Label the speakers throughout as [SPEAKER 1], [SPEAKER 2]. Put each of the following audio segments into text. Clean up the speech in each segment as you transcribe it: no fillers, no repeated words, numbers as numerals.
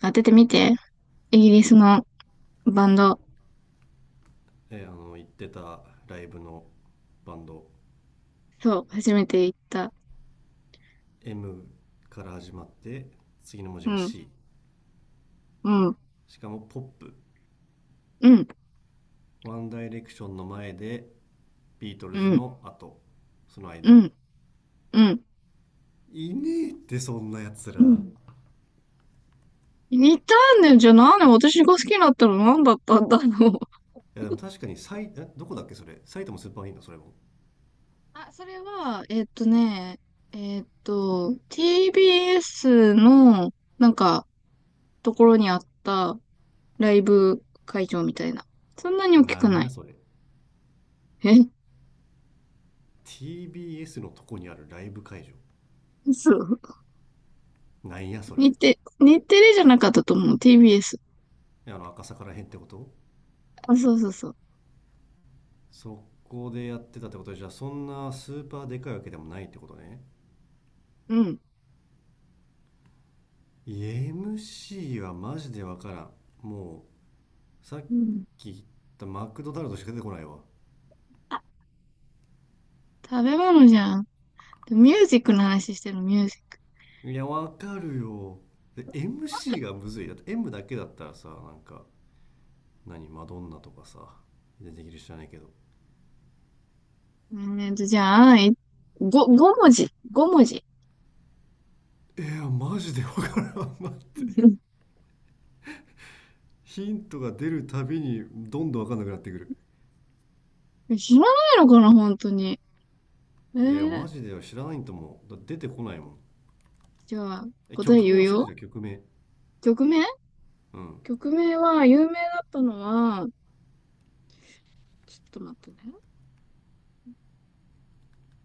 [SPEAKER 1] 当ててみて。イギリスのバンド。
[SPEAKER 2] 行ってたライブのバンド。
[SPEAKER 1] そう、初めて行った。
[SPEAKER 2] M から始まって、次の文字
[SPEAKER 1] う
[SPEAKER 2] が
[SPEAKER 1] ん、
[SPEAKER 2] C。
[SPEAKER 1] うん、
[SPEAKER 2] しかもポップ。
[SPEAKER 1] うん、
[SPEAKER 2] ワンダイレクションの前で、ビート
[SPEAKER 1] う
[SPEAKER 2] ルズ
[SPEAKER 1] ん、
[SPEAKER 2] の後、その
[SPEAKER 1] う
[SPEAKER 2] 間。
[SPEAKER 1] ん、うん。
[SPEAKER 2] いねえってそんなやつ
[SPEAKER 1] う
[SPEAKER 2] ら。
[SPEAKER 1] ん、
[SPEAKER 2] い
[SPEAKER 1] 似たんだよ。じゃあなんで私が好きになったの？何だったんだろう。
[SPEAKER 2] やでも確かに、さ、いえ、どこだっけそれ、埼玉スーパーいンだそれも。
[SPEAKER 1] あ、それは、えっとね、えっと、TBS の、なんか、ところにあったライブ会場みたいな。そんなに大き
[SPEAKER 2] な
[SPEAKER 1] く
[SPEAKER 2] ん
[SPEAKER 1] な
[SPEAKER 2] や
[SPEAKER 1] い。
[SPEAKER 2] それ。
[SPEAKER 1] え、
[SPEAKER 2] TBS のとこにあるライブ会場。
[SPEAKER 1] そう。
[SPEAKER 2] なんやそれ。
[SPEAKER 1] 日テレじゃなかったと思う。TBS。
[SPEAKER 2] あの赤坂らへんってこと？
[SPEAKER 1] あ、そうそうそう。
[SPEAKER 2] そこでやってたってことで、じゃあそんなスーパーでかいわけでもないってことね。
[SPEAKER 1] うん。
[SPEAKER 2] MC はマジでわからん。もうさっき言ったマクドナルドしか出てこないわ。
[SPEAKER 1] 食べ物じゃん。ミュージックの話してる、ミュージック。
[SPEAKER 2] いやわかるよ。で MC がむずいだって、 M だけだったらさ、なんか何、マドンナとかさ、出てきる、知らないけど。
[SPEAKER 1] じゃあ、5文字。5文字。
[SPEAKER 2] いやマジでわからん。 待って。 ヒントが出るたびにどんどんわかんなくなってくる。
[SPEAKER 1] 知らないのかな、本当に。え
[SPEAKER 2] いやマ
[SPEAKER 1] ー、
[SPEAKER 2] ジでは知らないんと、もうだって出てこないもん。
[SPEAKER 1] じゃあ、
[SPEAKER 2] え、
[SPEAKER 1] 答え
[SPEAKER 2] 曲
[SPEAKER 1] 言
[SPEAKER 2] 名
[SPEAKER 1] う
[SPEAKER 2] 教えて
[SPEAKER 1] よ。
[SPEAKER 2] じゃん、曲名。
[SPEAKER 1] 曲名
[SPEAKER 2] うん。
[SPEAKER 1] 曲名は、有名だったのは、ちょっと待ってね。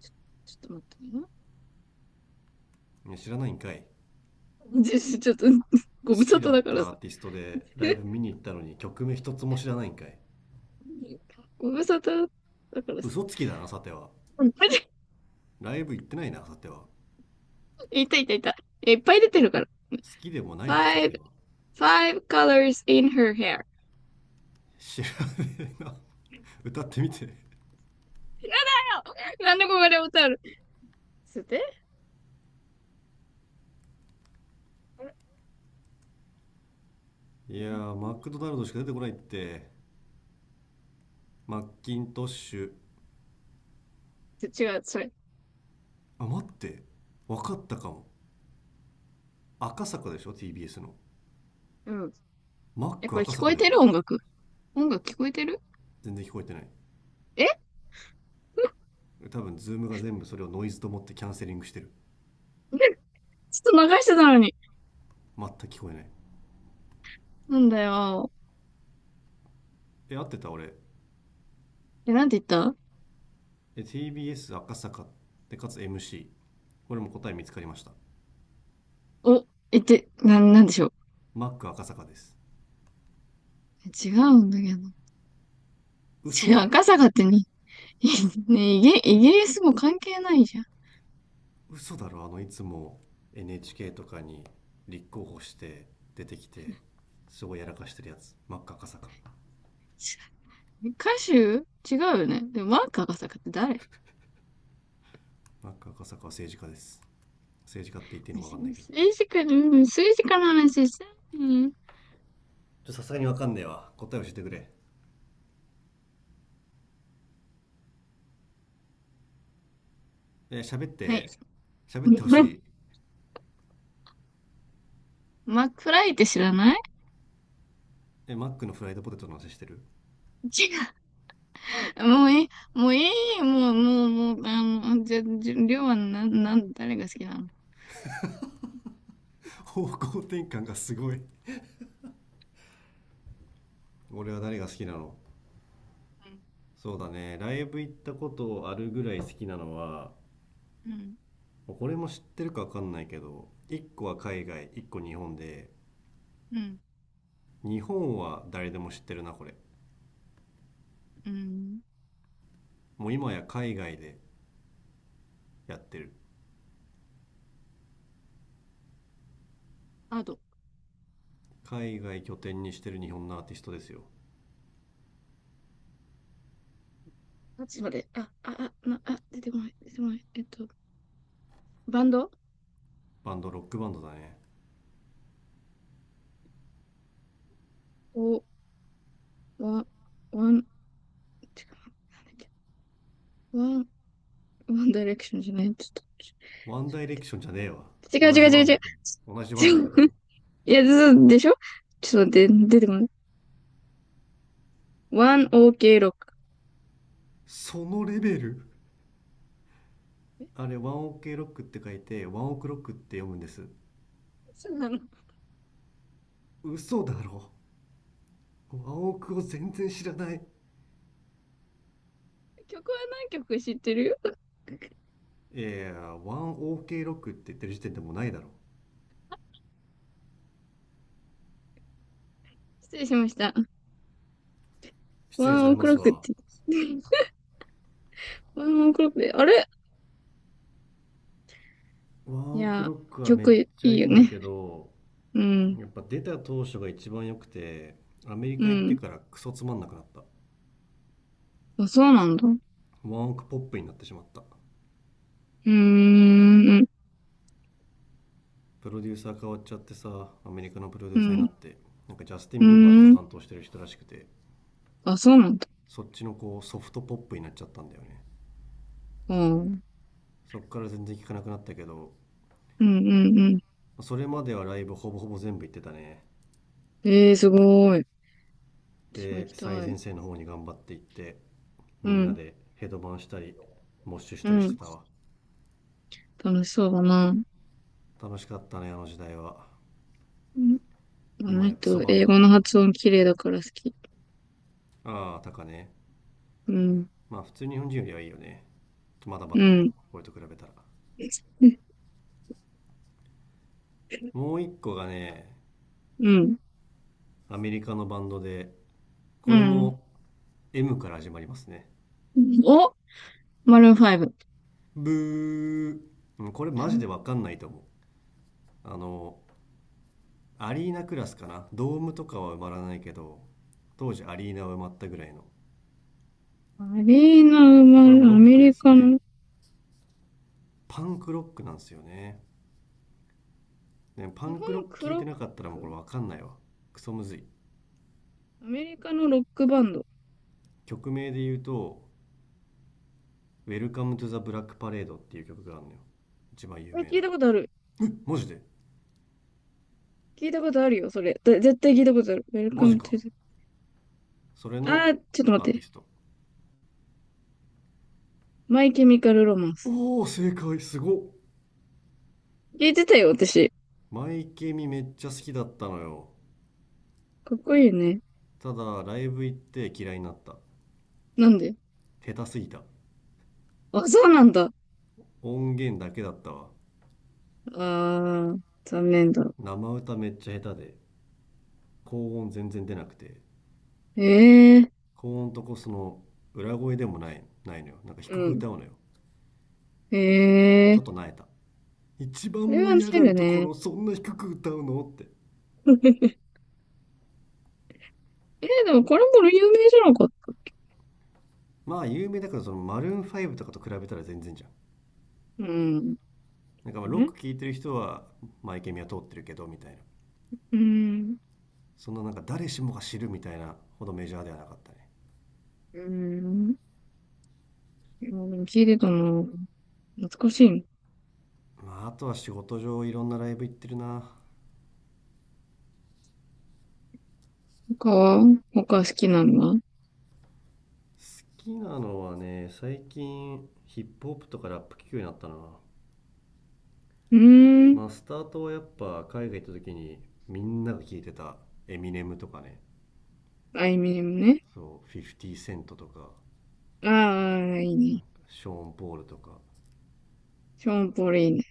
[SPEAKER 1] ちょ、ちょっと待ってね。
[SPEAKER 2] いや知らないんかい。
[SPEAKER 1] じゃちょっと、ご無
[SPEAKER 2] 好
[SPEAKER 1] 沙
[SPEAKER 2] きだ
[SPEAKER 1] 汰
[SPEAKER 2] っ
[SPEAKER 1] だから
[SPEAKER 2] た
[SPEAKER 1] さ。
[SPEAKER 2] アーティストでライブ 見に行ったのに曲名一つも知らないんかい。
[SPEAKER 1] ご無沙汰だからさ。
[SPEAKER 2] 嘘つきだなさては。
[SPEAKER 1] うん。
[SPEAKER 2] ライブ行ってないなさては。好
[SPEAKER 1] いたいたいた。いっぱい出てるから。
[SPEAKER 2] きでもないなさ
[SPEAKER 1] Five,
[SPEAKER 2] ては。
[SPEAKER 1] five colors in her hair.
[SPEAKER 2] 知らねえな。 歌ってみて。
[SPEAKER 1] だよ。なんでここで歌うの？つっと待
[SPEAKER 2] い
[SPEAKER 1] っ
[SPEAKER 2] やー、マクドナルドしか出てこないって。マッキントッシュ。
[SPEAKER 1] て。違う、それ。
[SPEAKER 2] あ待って、分かったかも。赤坂でしょ TBS の。
[SPEAKER 1] うん。
[SPEAKER 2] マッ
[SPEAKER 1] え、
[SPEAKER 2] ク
[SPEAKER 1] これ
[SPEAKER 2] 赤
[SPEAKER 1] 聞こ
[SPEAKER 2] 坂
[SPEAKER 1] え
[SPEAKER 2] でし
[SPEAKER 1] て
[SPEAKER 2] ょ。
[SPEAKER 1] る音楽？音楽聞こえてる？
[SPEAKER 2] 全然聞こえてない。
[SPEAKER 1] え、 ち
[SPEAKER 2] 多分ズームが全部それをノイズと思ってキャンセリングしてる。
[SPEAKER 1] ょっと流してたのに。
[SPEAKER 2] 全く聞こえない。
[SPEAKER 1] なんだよ。
[SPEAKER 2] え、合ってた俺？
[SPEAKER 1] え、なんて言った？
[SPEAKER 2] TBS 赤坂でかつ MC、 これも答え見つかりました。
[SPEAKER 1] お、え、って、な、なんでしょう。
[SPEAKER 2] マック赤坂です。
[SPEAKER 1] 違うんだけど。
[SPEAKER 2] 嘘
[SPEAKER 1] 違う、
[SPEAKER 2] だろ。
[SPEAKER 1] 赤坂ってに、ね、イギリスも関係ないじゃん。
[SPEAKER 2] 嘘だろ、あのいつも NHK とかに立候補して出てきてすごいやらかしてるやつ、マック赤坂。
[SPEAKER 1] 歌手？違うよね。でも、マーク赤坂って誰？
[SPEAKER 2] マック赤坂は政治家です。政治家って言っていいのか分かんないけど。
[SPEAKER 1] 政治家、うん、政治家の話したい。
[SPEAKER 2] ちょ、さすがに分かんねえわ、答え教えてくれ。えー喋っ
[SPEAKER 1] はい。
[SPEAKER 2] て。喋ってほし い。
[SPEAKER 1] マックフライって知らない？
[SPEAKER 2] え、マックのフライドポテトの話してる？
[SPEAKER 1] ちもういい、もういい、もう、もう、もう、あの、じゃ、じゃ、りょうはな、なん、誰が好きなの？
[SPEAKER 2] 方向転換がすごい。俺は誰が好きなの？
[SPEAKER 1] うん、
[SPEAKER 2] そうだね、ライブ行ったことあるぐらい好きなのは、
[SPEAKER 1] うん、
[SPEAKER 2] これも知ってるかわかんないけど、1個は海外、1個日本で、
[SPEAKER 1] うん、
[SPEAKER 2] 日本は誰でも知ってるな、これ。
[SPEAKER 1] うん。
[SPEAKER 2] もう今や海外でやってる。
[SPEAKER 1] あと、
[SPEAKER 2] 海外拠点にしてる日本のアーティストですよ。
[SPEAKER 1] どっちまで、あ、あ、あ、な、あ、出てこない、出てこない。バンド。
[SPEAKER 2] バンド、ロックバンドだね。
[SPEAKER 1] お、ワン、ワン、違う、なんだっけ、ワン、ワンダイレクションじゃない、ちょっ
[SPEAKER 2] ワンダイレクションじゃねえわ。
[SPEAKER 1] と、違う
[SPEAKER 2] 同
[SPEAKER 1] 違
[SPEAKER 2] じ
[SPEAKER 1] う違
[SPEAKER 2] ワ
[SPEAKER 1] う
[SPEAKER 2] ン
[SPEAKER 1] 違
[SPEAKER 2] だ
[SPEAKER 1] う。
[SPEAKER 2] けど。同じワ
[SPEAKER 1] ち
[SPEAKER 2] ンだ
[SPEAKER 1] ょ
[SPEAKER 2] けどな。
[SPEAKER 1] いや、ずでしょ、ちょっと待って、出てこない。ワン、オーケー、ロック。
[SPEAKER 2] そのレベル。あれ、ワンオケロックって書いて、ワンオクロックって読むんです。
[SPEAKER 1] そうなの。
[SPEAKER 2] 嘘だろ。ワンオクを全然知らない。
[SPEAKER 1] 曲は何曲知ってるよ。
[SPEAKER 2] いやいや、ワンオーケーロックって言ってる時点でもうないだろ。
[SPEAKER 1] 失礼しました。
[SPEAKER 2] 失
[SPEAKER 1] ワ
[SPEAKER 2] 礼さ
[SPEAKER 1] ンオ
[SPEAKER 2] れ
[SPEAKER 1] ク
[SPEAKER 2] ま
[SPEAKER 1] ロッ
[SPEAKER 2] す
[SPEAKER 1] クっ
[SPEAKER 2] わ。
[SPEAKER 1] て言って、ワンオクロックで、あれ、
[SPEAKER 2] ワ
[SPEAKER 1] い
[SPEAKER 2] ンオク
[SPEAKER 1] や、
[SPEAKER 2] ロックはめっ
[SPEAKER 1] 曲い
[SPEAKER 2] ちゃい
[SPEAKER 1] い
[SPEAKER 2] い
[SPEAKER 1] よ
[SPEAKER 2] んだ
[SPEAKER 1] ね。
[SPEAKER 2] けど、
[SPEAKER 1] うん、
[SPEAKER 2] やっぱ出た当初が一番良くて、アメリ
[SPEAKER 1] う
[SPEAKER 2] カ行って
[SPEAKER 1] ん。
[SPEAKER 2] からクソつまんなくなった。
[SPEAKER 1] あ、そうなんだ。う
[SPEAKER 2] ワンオクポップになってしまった。
[SPEAKER 1] ーん、
[SPEAKER 2] プロデューサー変わっちゃってさ、アメリカのプロデ
[SPEAKER 1] う
[SPEAKER 2] ューサーにな
[SPEAKER 1] ん、
[SPEAKER 2] って、ジャスティ
[SPEAKER 1] う
[SPEAKER 2] ン・ビーバーとか
[SPEAKER 1] ん。
[SPEAKER 2] 担当してる人らしくて、
[SPEAKER 1] あ、そうなんだ。
[SPEAKER 2] そっちのこうソフトポップになっちゃったんだよね。
[SPEAKER 1] あー、うん、
[SPEAKER 2] そっから全然聞かなくなったけど、
[SPEAKER 1] うん、うん。
[SPEAKER 2] それまではライブほぼほぼ全部行ってたね。
[SPEAKER 1] ええー、すごい。私も行
[SPEAKER 2] で、
[SPEAKER 1] き
[SPEAKER 2] 最
[SPEAKER 1] たい。
[SPEAKER 2] 前線の方に頑張って行って、
[SPEAKER 1] う
[SPEAKER 2] みんな
[SPEAKER 1] ん、
[SPEAKER 2] でヘドバンしたりモッシュし
[SPEAKER 1] う
[SPEAKER 2] たりし
[SPEAKER 1] ん。
[SPEAKER 2] てたわ。
[SPEAKER 1] 楽しそうだな。
[SPEAKER 2] 楽しかったねあの時代は。
[SPEAKER 1] うん。あ
[SPEAKER 2] 今
[SPEAKER 1] の
[SPEAKER 2] やクソ
[SPEAKER 1] 人、
[SPEAKER 2] バンド
[SPEAKER 1] 英
[SPEAKER 2] だ
[SPEAKER 1] 語
[SPEAKER 2] け
[SPEAKER 1] の
[SPEAKER 2] ど。
[SPEAKER 1] 発音綺麗だから好き。
[SPEAKER 2] なあ、あタカね。
[SPEAKER 1] うん、
[SPEAKER 2] まあ普通、日本人よりはいいよね。まだま
[SPEAKER 1] う
[SPEAKER 2] だだけ
[SPEAKER 1] ん、
[SPEAKER 2] ど、俺と比べたら。もう一個がね、
[SPEAKER 1] うん、
[SPEAKER 2] アメリカのバンドで、
[SPEAKER 1] う
[SPEAKER 2] これ
[SPEAKER 1] ん。
[SPEAKER 2] も M から始まりますね。
[SPEAKER 1] お、マルーン5。
[SPEAKER 2] ブー。うん、これマジでわかんないと思う。あのアリーナクラスかな、ドームとかは埋まらないけど、当時アリーナは埋まったぐらいの。
[SPEAKER 1] マリーナ・マ
[SPEAKER 2] これ
[SPEAKER 1] ル、
[SPEAKER 2] もロ
[SPEAKER 1] ア
[SPEAKER 2] ッ
[SPEAKER 1] メ
[SPEAKER 2] クで
[SPEAKER 1] リ
[SPEAKER 2] す
[SPEAKER 1] カ
[SPEAKER 2] ね。
[SPEAKER 1] の
[SPEAKER 2] パンクロックなんですよねね。パ
[SPEAKER 1] 基
[SPEAKER 2] ン
[SPEAKER 1] 本
[SPEAKER 2] クロック
[SPEAKER 1] ク
[SPEAKER 2] 聞い
[SPEAKER 1] ロッ
[SPEAKER 2] てなかったらもうこ
[SPEAKER 1] ク。
[SPEAKER 2] れ分かんないわ。クソむずい。
[SPEAKER 1] アメリカのロックバンド。
[SPEAKER 2] 曲名で言うと「Welcome to the Black Parade」っていう曲があるのよ、一番
[SPEAKER 1] こ
[SPEAKER 2] 有
[SPEAKER 1] れ
[SPEAKER 2] 名
[SPEAKER 1] 聞い
[SPEAKER 2] な。
[SPEAKER 1] たことある。
[SPEAKER 2] マジで？
[SPEAKER 1] 聞いたことあるよ、それ。絶対聞いたことある。
[SPEAKER 2] マジ
[SPEAKER 1] Welcome
[SPEAKER 2] か。
[SPEAKER 1] to the...
[SPEAKER 2] それ
[SPEAKER 1] あ
[SPEAKER 2] の
[SPEAKER 1] ー、ちょっと
[SPEAKER 2] アー
[SPEAKER 1] 待っ
[SPEAKER 2] ティ
[SPEAKER 1] て。
[SPEAKER 2] スト。
[SPEAKER 1] マイケミカルロマンス。
[SPEAKER 2] おお正解、すごっ。
[SPEAKER 1] 聞いてたよ、私。
[SPEAKER 2] マイケミめっちゃ好きだったのよ。
[SPEAKER 1] かっこいいね。
[SPEAKER 2] ただライブ行って嫌いになった。
[SPEAKER 1] なんで？
[SPEAKER 2] 下手すぎた。
[SPEAKER 1] あ、そうなんだ。
[SPEAKER 2] 音源だけだったわ。
[SPEAKER 1] あー、残念だ。
[SPEAKER 2] 生歌めっちゃ下手で、高音全然出なくて、
[SPEAKER 1] ええー、
[SPEAKER 2] 高音とこその裏声でもないないのよ、低
[SPEAKER 1] う
[SPEAKER 2] く
[SPEAKER 1] ん。
[SPEAKER 2] 歌うのよ。
[SPEAKER 1] ええ
[SPEAKER 2] ちょ
[SPEAKER 1] ー。
[SPEAKER 2] っとなえた。一番
[SPEAKER 1] それ
[SPEAKER 2] 盛
[SPEAKER 1] は
[SPEAKER 2] り上
[SPEAKER 1] 知
[SPEAKER 2] が
[SPEAKER 1] る
[SPEAKER 2] るとこ
[SPEAKER 1] ね。
[SPEAKER 2] ろを そんな低く歌うのって。
[SPEAKER 1] えー、でもこれも有名じゃなかったっけ？
[SPEAKER 2] まあ有名だから、そのマルーン5とかと比べたら全然じゃん。
[SPEAKER 1] うん。
[SPEAKER 2] まあロッ
[SPEAKER 1] ね。
[SPEAKER 2] ク聴いてる人はマイケミは通ってるけどみたいな。
[SPEAKER 1] うん。
[SPEAKER 2] そんな誰しもが知るみたいなほどメジャーではなかったね。
[SPEAKER 1] うん。もう聞いてたな。懐かしいの。
[SPEAKER 2] まああとは仕事上いろんなライブ行ってるな。
[SPEAKER 1] 他は？他好きなのは？う
[SPEAKER 2] 好きなのはね、最近ヒップホップとかラップ聴くようになったな。
[SPEAKER 1] ーん。
[SPEAKER 2] まあスタートはやっぱ海外行った時にみんなが聴いてたエミネムとかね。
[SPEAKER 1] あいみょんね。
[SPEAKER 2] そう、50セントとか、
[SPEAKER 1] ああ、いいね。
[SPEAKER 2] ショーン・ポールとか。
[SPEAKER 1] ショーンポールいいね。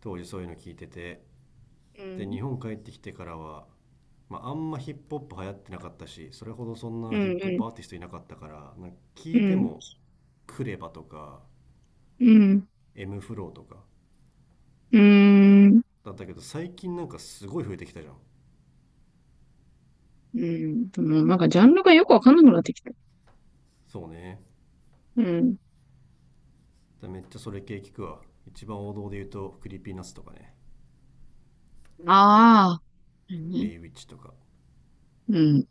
[SPEAKER 2] 当時そういうの聞いてて、
[SPEAKER 1] う
[SPEAKER 2] で
[SPEAKER 1] ん。
[SPEAKER 2] 日本帰ってきてからは、まあ、あんまヒップホップ流行ってなかったし、それほどそんな
[SPEAKER 1] う
[SPEAKER 2] ヒップホッ
[SPEAKER 1] ん、
[SPEAKER 2] プアーティストいなかったから、なんか
[SPEAKER 1] う
[SPEAKER 2] 聞いて
[SPEAKER 1] ん、
[SPEAKER 2] もクレバとか
[SPEAKER 1] うん、
[SPEAKER 2] M フローとか
[SPEAKER 1] うん、うーん。
[SPEAKER 2] だったけど、最近なんかすごい増えてきたじゃん。
[SPEAKER 1] うん。でもなんかジャンルがよくわかんなくなってきた。
[SPEAKER 2] そうね。
[SPEAKER 1] うん。
[SPEAKER 2] だめっちゃそれ系聞くわ。一番王道で言うとクリーピーナッツとかね、
[SPEAKER 1] ああ、うん
[SPEAKER 2] エ
[SPEAKER 1] ね。
[SPEAKER 2] イウィッチとか。
[SPEAKER 1] うん。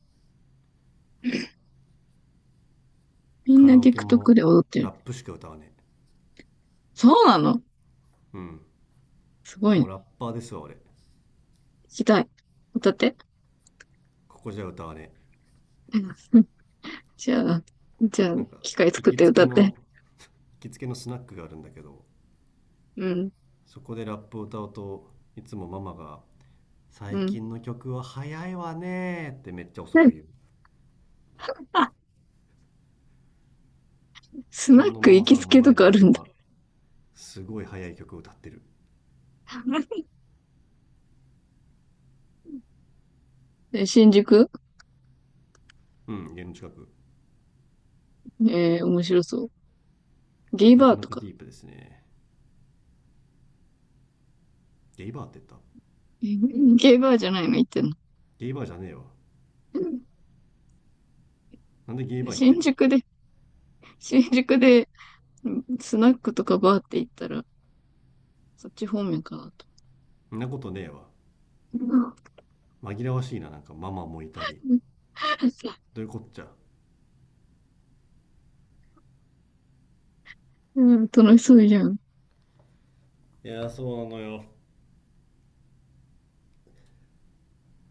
[SPEAKER 1] みん
[SPEAKER 2] カ
[SPEAKER 1] な
[SPEAKER 2] ラオケ
[SPEAKER 1] TikTok
[SPEAKER 2] も
[SPEAKER 1] で踊って
[SPEAKER 2] ラ
[SPEAKER 1] る。
[SPEAKER 2] ップしか歌わねえ。
[SPEAKER 1] そうなの？
[SPEAKER 2] うん、
[SPEAKER 1] すごい
[SPEAKER 2] もう
[SPEAKER 1] ね。
[SPEAKER 2] ラッパーですわ俺。
[SPEAKER 1] 聞きたい。歌って。
[SPEAKER 2] ここじゃ歌わね
[SPEAKER 1] うん。じゃあ、じゃあ、
[SPEAKER 2] え。
[SPEAKER 1] 機械
[SPEAKER 2] 行
[SPEAKER 1] 作っ
[SPEAKER 2] き
[SPEAKER 1] て
[SPEAKER 2] つ
[SPEAKER 1] 歌
[SPEAKER 2] け
[SPEAKER 1] って。
[SPEAKER 2] の行きつけのスナックがあるんだけど、
[SPEAKER 1] うん、
[SPEAKER 2] そこでラップを歌うといつもママが
[SPEAKER 1] う
[SPEAKER 2] 「最
[SPEAKER 1] ん。
[SPEAKER 2] 近の曲は早いわね」ってめっちゃ遅く言う。
[SPEAKER 1] スナッ
[SPEAKER 2] そんな
[SPEAKER 1] ク
[SPEAKER 2] マ
[SPEAKER 1] 行
[SPEAKER 2] マ
[SPEAKER 1] き
[SPEAKER 2] さ
[SPEAKER 1] つ
[SPEAKER 2] んの
[SPEAKER 1] けと
[SPEAKER 2] 前で
[SPEAKER 1] かあ
[SPEAKER 2] 俺
[SPEAKER 1] るんだ。
[SPEAKER 2] はすごい早い曲を歌ってる。
[SPEAKER 1] で新宿？
[SPEAKER 2] うん、家の近く。
[SPEAKER 1] えー、面白そう。ゲイ
[SPEAKER 2] な
[SPEAKER 1] バ
[SPEAKER 2] か
[SPEAKER 1] ー
[SPEAKER 2] な
[SPEAKER 1] と
[SPEAKER 2] か
[SPEAKER 1] か。
[SPEAKER 2] ディープですね。ゲイバーって言った？
[SPEAKER 1] え、ゲイバーじゃないの？行ってんの。
[SPEAKER 2] ゲイバーじゃねえわ。なんでゲイ
[SPEAKER 1] で、
[SPEAKER 2] バー言ってん
[SPEAKER 1] 新
[SPEAKER 2] の。
[SPEAKER 1] 宿で、新宿で、スナックとかバーって行ったら、そっち方面かなと。
[SPEAKER 2] そんなことねえわ。
[SPEAKER 1] うん、
[SPEAKER 2] 紛らわしいな、なんかママもいたり。どういうこっちゃ。
[SPEAKER 1] 楽しそうじゃん。
[SPEAKER 2] いやーそうなのよ、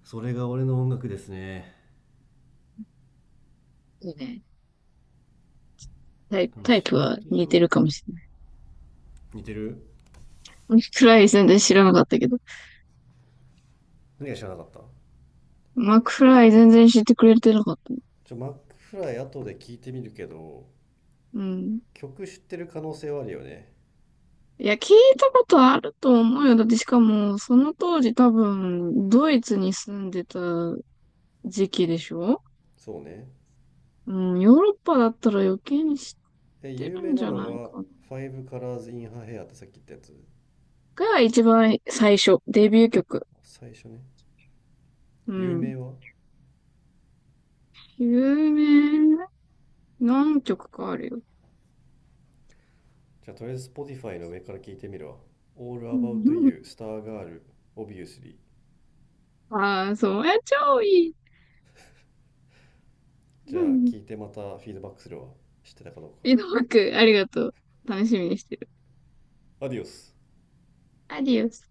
[SPEAKER 2] それが俺の音楽ですね。
[SPEAKER 1] いいね。タイ、
[SPEAKER 2] でも
[SPEAKER 1] タイプ
[SPEAKER 2] 仕
[SPEAKER 1] は
[SPEAKER 2] 事
[SPEAKER 1] 似て
[SPEAKER 2] 上、
[SPEAKER 1] るかもしれない。
[SPEAKER 2] 似てる。
[SPEAKER 1] マクフライ全然知らなかったけど。
[SPEAKER 2] 何が知らなかった？
[SPEAKER 1] マクフライ全然知ってくれてなかった。
[SPEAKER 2] ちょ、マックフライ後で聞いてみるけど
[SPEAKER 1] うん。
[SPEAKER 2] 曲知ってる可能性はあるよね。
[SPEAKER 1] いや、聞いたことあると思うよ。だってしかも、その当時多分、ドイツに住んでた時期でしょ？
[SPEAKER 2] そうね。
[SPEAKER 1] うん、ヨーロッパだったら余計に知っ
[SPEAKER 2] え、
[SPEAKER 1] て
[SPEAKER 2] 有
[SPEAKER 1] る
[SPEAKER 2] 名
[SPEAKER 1] んじ
[SPEAKER 2] な
[SPEAKER 1] ゃ
[SPEAKER 2] の
[SPEAKER 1] ない
[SPEAKER 2] が
[SPEAKER 1] かな。
[SPEAKER 2] 「Five Colors in Her Hair」ってさっき言ったやつ、
[SPEAKER 1] が一番最初、デビュー曲。
[SPEAKER 2] 最初ね。
[SPEAKER 1] う
[SPEAKER 2] 有
[SPEAKER 1] ん。
[SPEAKER 2] 名は、
[SPEAKER 1] 有名何曲かあるよ。
[SPEAKER 2] じゃあとりあえず Spotify の上から聞いてみるわ。「All About You」、「Star Girl」、「Obviously」。
[SPEAKER 1] ああー、そう。え、超いい。
[SPEAKER 2] じ
[SPEAKER 1] う
[SPEAKER 2] ゃあ
[SPEAKER 1] ん。
[SPEAKER 2] 聞いてまたフィードバックするわ、知ってたかどうか。
[SPEAKER 1] 井戸幕、ありがとう。楽しみにしてる。
[SPEAKER 2] アディオス。
[SPEAKER 1] アディオス。